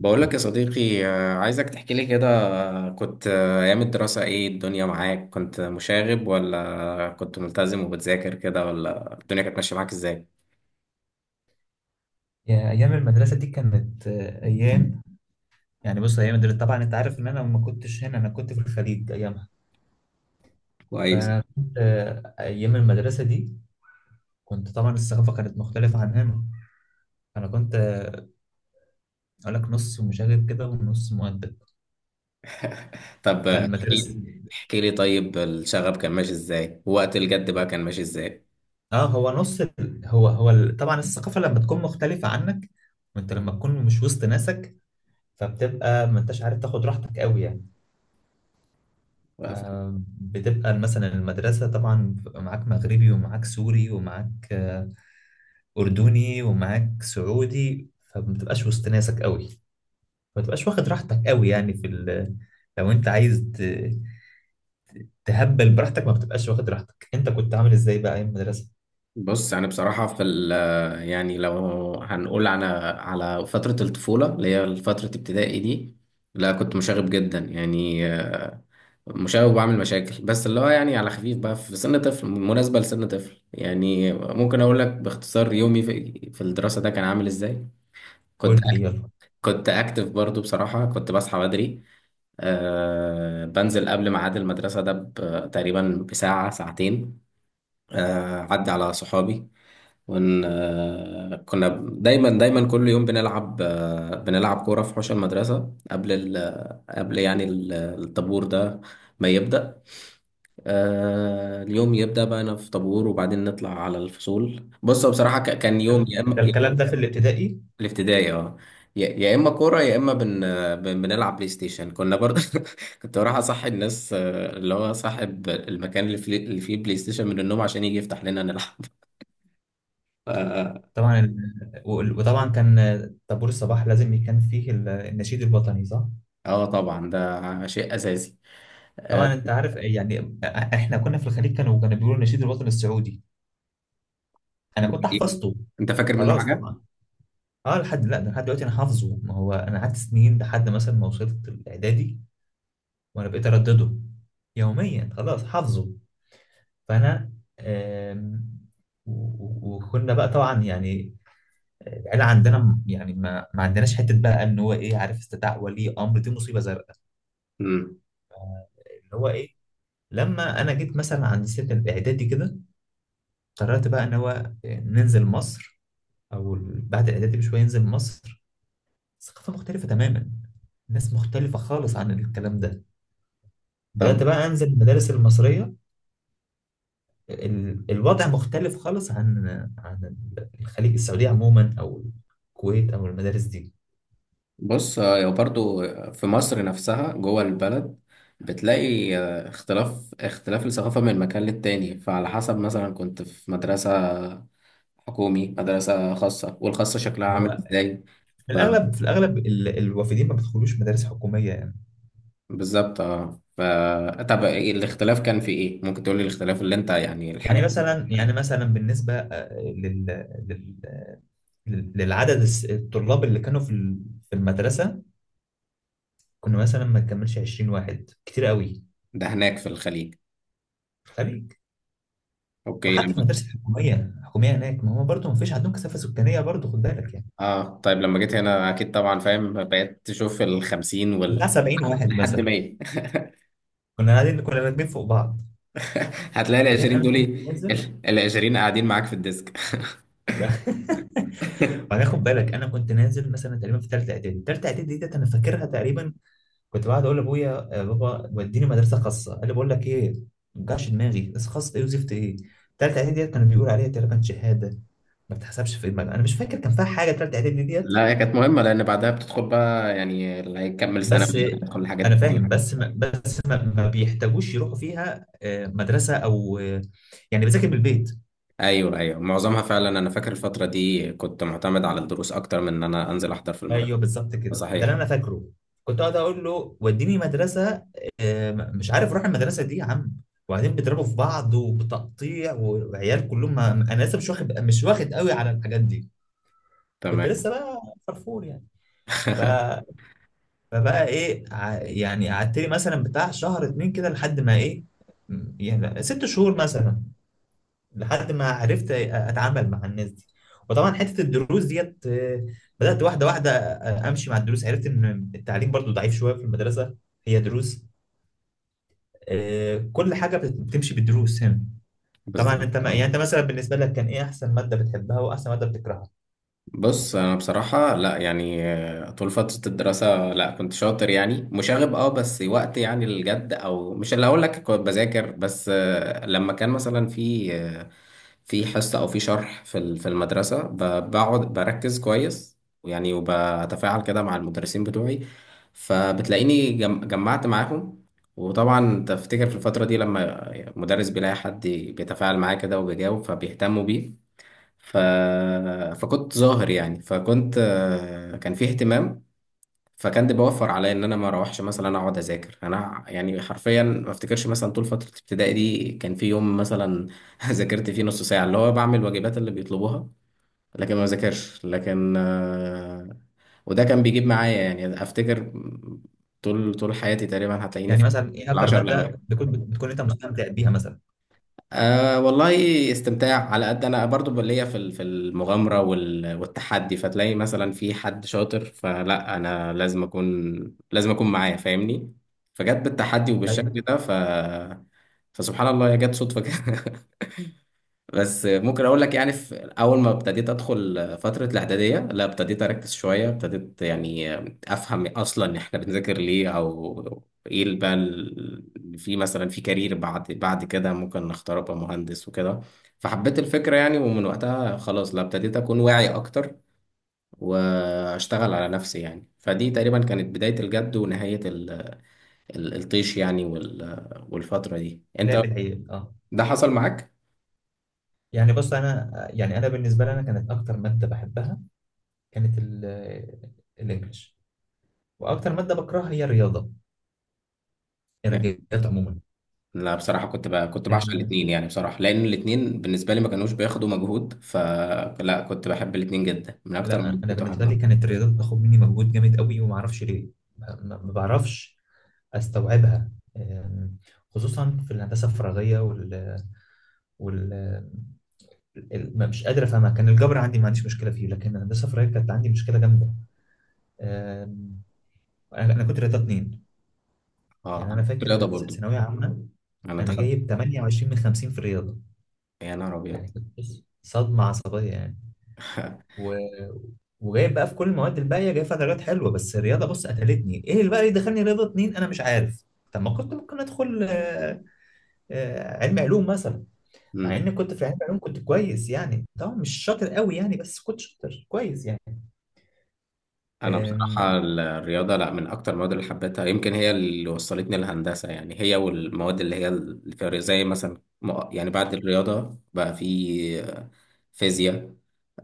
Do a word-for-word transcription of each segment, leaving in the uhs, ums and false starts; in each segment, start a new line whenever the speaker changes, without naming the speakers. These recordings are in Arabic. بقول لك يا صديقي، آه، عايزك تحكي لي كده. آه، كنت آه، أيام الدراسة، إيه الدنيا معاك؟ كنت مشاغب ولا كنت ملتزم وبتذاكر كده، ولا الدنيا كانت ماشية معاك إزاي؟
يا ايام المدرسه دي كانت آه، ايام. يعني بص، ايام المدرسه طبعا انت عارف ان انا ما كنتش هنا، انا كنت في الخليج ايامها.
كويس.
فكنت، ايام المدرسه دي كنت طبعا الثقافه كانت مختلفه عن هنا. انا كنت آه، اقول لك نص مشاغب كده ونص مؤدب.
طب، آه، احكي
فالمدرسه،
لي احكي لي طيب، الشغب كان ماشي إزاي وقت الجد بقى، كان ماشي إزاي؟
اه هو نص ال- هو هو ال- طبعا الثقافه لما تكون مختلفه عنك وانت لما تكون مش وسط ناسك، فبتبقى ما انتش عارف تاخد راحتك قوي يعني. فبتبقى مثلا المدرسه طبعا بيبقى معاك مغربي ومعاك سوري ومعاك أردني ومعاك سعودي، فما تبقاش وسط ناسك قوي، ما تبقاش واخد راحتك قوي يعني في ال... لو أنت عايز ت... تهبل براحتك ما بتبقاش واخد راحتك. أنت كنت عامل إزاي بقى أيام المدرسة؟
بص يعني بصراحة، في ال آه، يعني لو هنقول على على فترة الطفولة اللي هي فترة ابتدائي دي، لا كنت مشاغب جدا يعني، مشاغب وبعمل مشاكل، بس اللي هو يعني على خفيف بقى في سن طفل، مناسبة لسن طفل. يعني ممكن اقول لك باختصار يومي في في الدراسة ده كان عامل ازاي. كنت
قول لي يلا.
كنت اكتف برضو بصراحة، كنت بصحى بدري. آه بنزل قبل ميعاد المدرسة ده ب- تقريبا بساعة ساعتين. آه عدي على صحابي. ون آه كنا دايما دايما كل يوم بنلعب، آه بنلعب كورة في حوش المدرسة قبل ال- قبل يعني ال- الطابور ده ما يبدأ. آه اليوم يبدأ بقى، أنا في طابور، وبعدين نطلع على الفصول. بص هو بصراحة، ك- كان يوم يا إما
ده
يا
الكلام
إما،
ده في الابتدائي.
في الابتدائي اه، يا يا إما كورة، يا إما بن آه، بن- بنلعب بلاي ستيشن كنا برضه. كنت بروح أصحي الناس، آه، اللي هو صاحب المكان اللي فيه اللي فيه بلاي ستيشن، من النوم عشان يجي يفتح لنا نلعب. اه.
طبعا ال- وال- وطبعا كان طابور الصباح لازم كان فيه ال- النشيد الوطني، صح؟
آه، طبعا ده شيء أساسي آه،
طبعا انت عارف يعني احنا كنا في الخليج، كانوا كانوا بيقولوا النشيد الوطني السعودي. انا كنت حفظته،
أنت فاكر منه
خلاص
حاجة؟
طبعا. اه، لحد، لا، ده لحد دلوقتي انا حافظه. ما هو انا قعدت سنين لحد مثلا ما وصلت الاعدادي وانا بقيت اردده يوميا، خلاص حافظه. فانا، آم، و- و- وكنا بقى طبعا يعني آه، العيله عندنا م- يعني ما ما عندناش حته بقى ان هو ايه، عارف، استدعاء ولي امر دي مصيبه زرقاء.
مم.
اللي هو ايه، لما انا جيت مثلا عند سن الاعدادي كده قررت بقى ان هو آه، ننزل مصر، او بعد الاعدادي بشويه ننزل مصر. ثقافه مختلفه تماما، ناس مختلفه خالص عن الكلام ده.
طب
بدأت بقى أنزل المدارس المصرية. ال- الوضع مختلف خالص عن، عن الخليج، السعودية عموما أو الكويت أو المدارس دي.
بص، آه، برضو في مصر نفسها جوه البلد بتلاقي آه، اختلاف اختلاف الثقافة من مكان للتاني، فعلى حسب مثلا كنت في مدرسة حكومي، مدرسة خاصة، والخاصة شكلها عامل
هو
ازاي.
في
ف-
الأغلب، في الأغلب ال- الوافدين ما بيدخلوش مدارس حكومية يعني.
بالظبط اه. ف طب إيه الاختلاف كان في ايه؟ ممكن تقولي الاختلاف اللي انت يعني الحاجة.
يعني مثلا يعني مثلا بالنسبة آه، لل لل- لل- للعدد الس- الطلاب اللي كانوا في ال- في المدرسة، كنا مثلا ما نكملش عشرين واحد كتير قوي
ده هناك في الخليج.
في الخليج،
اوكي.
وحتى في
لما
المدارس الحكومية. الحكومية هناك ما هو برضه ما فيش عندهم كثافة سكانية برضه، خد بالك يعني.
اه، طيب لما جيت هنا اكيد طبعا فاهم، بقيت تشوف الخمسين
بتاع
وال-
سبعين واحد
لحد
مثلا،
مية.
كنا قاعدين كنا راكبين فوق بعض.
هتلاقي ال
بعدين
عشرين
انا
دول
كنت
إيه؟
نازل
ال عشرين قاعدين معاك في الديسك.
بعدين خد بالك انا كنت نازل مثلا تقريبا في ثالثه اعدادي ثالثه اعدادي ديت انا فاكرها تقريبا، كنت بقعد اقول لابويا يا بابا وديني مدرسه خاصه. قال لي بقول لك ايه، ما توجعش دماغي، بس خاص ايه وزفت ايه. ثالثه اعدادي ديت كانوا بيقولوا عليها تقريبا شهاده، ما بتحسبش في دماغك. انا مش فاكر كان فيها حاجه ثالثه اعدادي ديت.
لا هي كانت مهمة، لأن بعدها بتدخل بقى يعني اللي هيكمل ثانوي،
بس
اللي هيدخل حاجات
انا فاهم،
تانية.
بس ما بس ما, ما بيحتاجوش يروحوا فيها آه، مدرسه او آه، يعني بذاكر من البيت.
أيوه، أيوه، معظمها فعلا. أنا فاكر الفترة دي كنت معتمد على الدروس أكتر من إن أنا أنزل أحضر في المدرسة.
ايوه بالظبط كده، ده
صحيح
اللي انا
آه.
فاكره. كنت اقعد اقول له وديني مدرسه، آه، مش عارف اروح المدرسه دي يا عم، وبعدين بيضربوا في بعض وبتقطيع وعيال كلهم، ما- انا لسه مش واخد مش واخد قوي على الحاجات دي، كنت لسه
تمام.
بقى فرفور يعني. ف... فبقى ايه، ع- يعني قعدت لي مثلا بتاع شهر اتنين كده لحد ما ايه، يعني ست شهور مثلا، لحد ما عرفت اتعامل مع الناس دي. وطبعا حته الدروس ديت آه، بدات واحده واحده آه، امشي مع الدروس، عرفت ان التعليم برضو ضعيف شويه في المدرسه، هي دروس، آه، كل حاجه بت- بتمشي بالدروس هنا. طبعا
بالظبط.
انت ما يعني، انت مثلا بالنسبه لك كان ايه احسن ماده بتحبها واحسن ماده بتكرهها؟
بص انا بصراحه لا، يعني آه، طول فتره الدراسه لا كنت شاطر، يعني مشاغب اه، بس وقت يعني الجد، او مش اللي اقول لك كنت بذاكر، بس آه، لما كان مثلا في آه، في حصه او في شرح في ال- في المدرسه، ب- بقعد بركز كويس يعني، وبتفاعل كده مع المدرسين بتوعي، فبتلاقيني جم- جمعت معاهم. وطبعا تفتكر في الفتره دي لما مدرس بيلاقي حد بيتفاعل معاه كده وبيجاوب، فبيهتموا بيه. ف... فكنت ظاهر يعني، فكنت، آه، كان في اهتمام. فكان ده بيوفر عليا ان انا ما اروحش مثلا اقعد اذاكر. انا يعني حرفيا ما افتكرش مثلا طول فتره ابتدائي دي كان في يوم مثلا ذاكرت فيه نص ساعه، اللي هو بعمل الواجبات اللي بيطلبوها، لكن ما ذاكرش. لكن آه، وده كان بيجيب معايا، يعني افتكر طول طول حياتي تقريبا هتلاقيني
يعني
في
مثلا ايه اكتر
العشر الاوائل.
ماده بتكون بتكون انت مستمتع بيها مثلا؟
أه والله، استمتاع على قد انا برضو ليا في ال- في المغامره وال- والتحدي، فتلاقي مثلا في حد شاطر، فلا انا لازم اكون لازم اكون معاه، فاهمني. فجت بالتحدي وبالشكل
ايوه،
ده ف فسبحان الله هي جت صدفه كده. بس ممكن اقول لك يعني في اول ما ابتديت ادخل فتره الاعداديه، لا ابتديت اركز شويه، ابتديت يعني افهم اصلا احنا بنذاكر ليه، او ايه اللي بقى ال- في مثلا في كارير بعد بعد كده ممكن نختار ابقى مهندس وكده، فحبيت الفكره يعني. ومن وقتها خلاص، لا ابتديت اكون واعي اكتر واشتغل على نفسي، يعني فدي تقريبا كانت بدايه الجد ونهايه ال- ال- الطيش يعني. وال- والفتره دي انت،
لعب العيال اه.
ده حصل معاك؟
يعني بص، انا يعني انا بالنسبه لي، انا كانت اكتر ماده بحبها كانت ال- الانجليش، واكتر ماده بكرهها هي الرياضه، الرياضيات عموما.
لا بصراحة، كنت بقى كنت بعشق
آه،
الاتنين يعني بصراحة، لأن الاتنين بالنسبة لي ما كانوش بياخدوا مجهود، فلا كنت بحب الاتنين جدا، من أكتر
لا
من
انا
كنت
بالنسبه لي
بحبها.
كانت الرياضيات بتاخد مني مجهود جامد قوي وما اعرفش ليه، ما ما بعرفش استوعبها. آم، خصوصا في الهندسه الفراغيه وال, وال... ال- ما مش قادر افهمها. كان الجبر عندي ما عنديش مشكله فيه، لكن الهندسه الفراغيه كانت عندي مشكله جامده. آم، انا أنا كنت رياضه اتنين.
اه
يعني انا
أنا كنت
فاكر
رياضة
كانت
برضو.
ثانويه عامه،
أنا
انا
دخلت،
جايب تمانية وعشرين من خمسين في الرياضه.
يا نهار
يعني
أبيض.
كنت بص، صدمه عصبيه يعني. و... وجايب بقى في كل المواد الباقيه جايب فيها درجات حلوه، بس الرياضه بص قتلتني. ايه اللي بقى اللي دخلني رياضه اتنين انا مش عارف. طب ما كنت ممكن ادخل آه، آه، علم علوم مثلا، مع
مم.
اني كنت في علم علوم كنت كويس، يعني طبعا مش شاطر قوي يعني، بس كنت شاطر كويس يعني.
انا
آم،
بصراحه الرياضه، لا من اكتر المواد اللي حبيتها، يمكن هي اللي وصلتني للهندسه. يعني هي والمواد اللي هي اللي فيها زي مثلا، م- يعني بعد الرياضه بقى في فيزياء.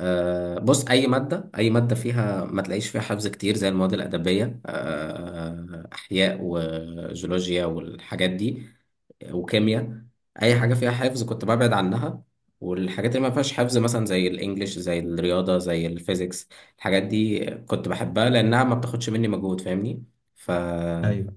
آه، بص، اي ماده، اي ماده فيها ما تلاقيش فيها حفظ كتير زي المواد الادبيه، آه، احياء وجيولوجيا والحاجات دي وكيمياء، اي حاجه فيها حفظ كنت ببعد عنها، والحاجات اللي ما فيهاش حفظ مثلا زي الانجليش زي الرياضه زي الفيزيكس، الحاجات دي كنت بحبها لانها ما بتاخدش مني مجهود، فاهمني. ف
ايوه.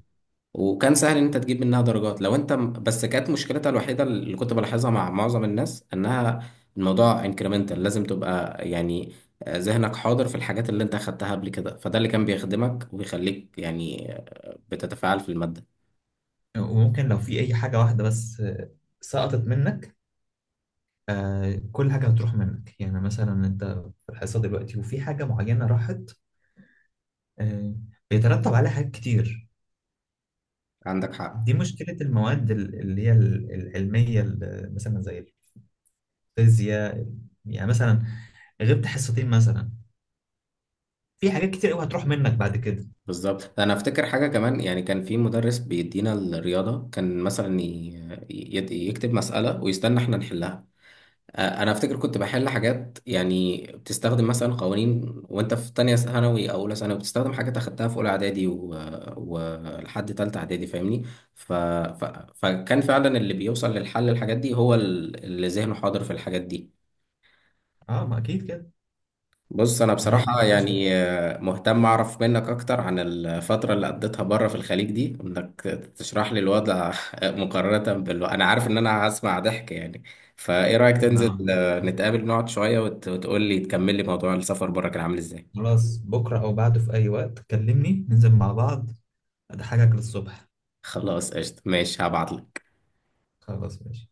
وكان سهل ان انت تجيب منها درجات، لو انت م- بس كانت مشكلتها الوحيده اللي كنت بلاحظها مع معظم الناس انها، الموضوع انكريمنتال، لازم تبقى يعني ذهنك حاضر في الحاجات اللي انت اخدتها قبل كده، فده اللي كان بيخدمك وبيخليك يعني بتتفاعل في الماده.
وممكن لو في اي حاجه واحده بس آه، سقطت منك، آه، كل حاجه هتروح منك، يعني مثلا انت في الحصه دلوقتي وفي حاجه معينه راحت، آه، بيترتب عليها حاجات كتير.
عندك حق.
دي مشكلة المواد ال- اللي هي ال- العلمية، ال- مثلا زي الفيزياء. يعني مثلا غبت حصتين مثلا، في حاجات كتير قوي هتروح منك بعد كده.
بالظبط. انا افتكر حاجه كمان يعني، كان في مدرس بيدينا الرياضه كان مثلا ي- ي- يكتب مساله ويستنى احنا نحلها. أ- انا افتكر كنت بحل حاجات يعني بتستخدم مثلا قوانين، وانت في تانية ثانوي او اولى ثانوي بتستخدم حاجات اخدتها في اولى اعدادي و- ولحد تالتة اعدادي، فاهمني. ف... ف... فكان فعلا اللي بيوصل للحل الحاجات دي هو ال- اللي ذهنه حاضر في الحاجات دي.
اه، ما اكيد كده.
بص انا
هي ما
بصراحه
ينفعش.
يعني آه، مهتم اعرف منك اكتر عن الفتره اللي قضيتها بره في الخليج دي، انك تشرح لي الوضع. مقارنه بال- انا عارف ان انا هسمع ضحك يعني، فايه رايك تنزل
ما-
آه، نتقابل نقعد شويه، وت... وتقول لي، تكمل لي موضوع السفر بره كان عامل ازاي.
خلاص، بكرة او بعده في اي وقت كلمني ننزل مع بعض، اضحكك للصبح.
خلاص قشطه، ماشي، هبعت لك.
خلاص ماشي.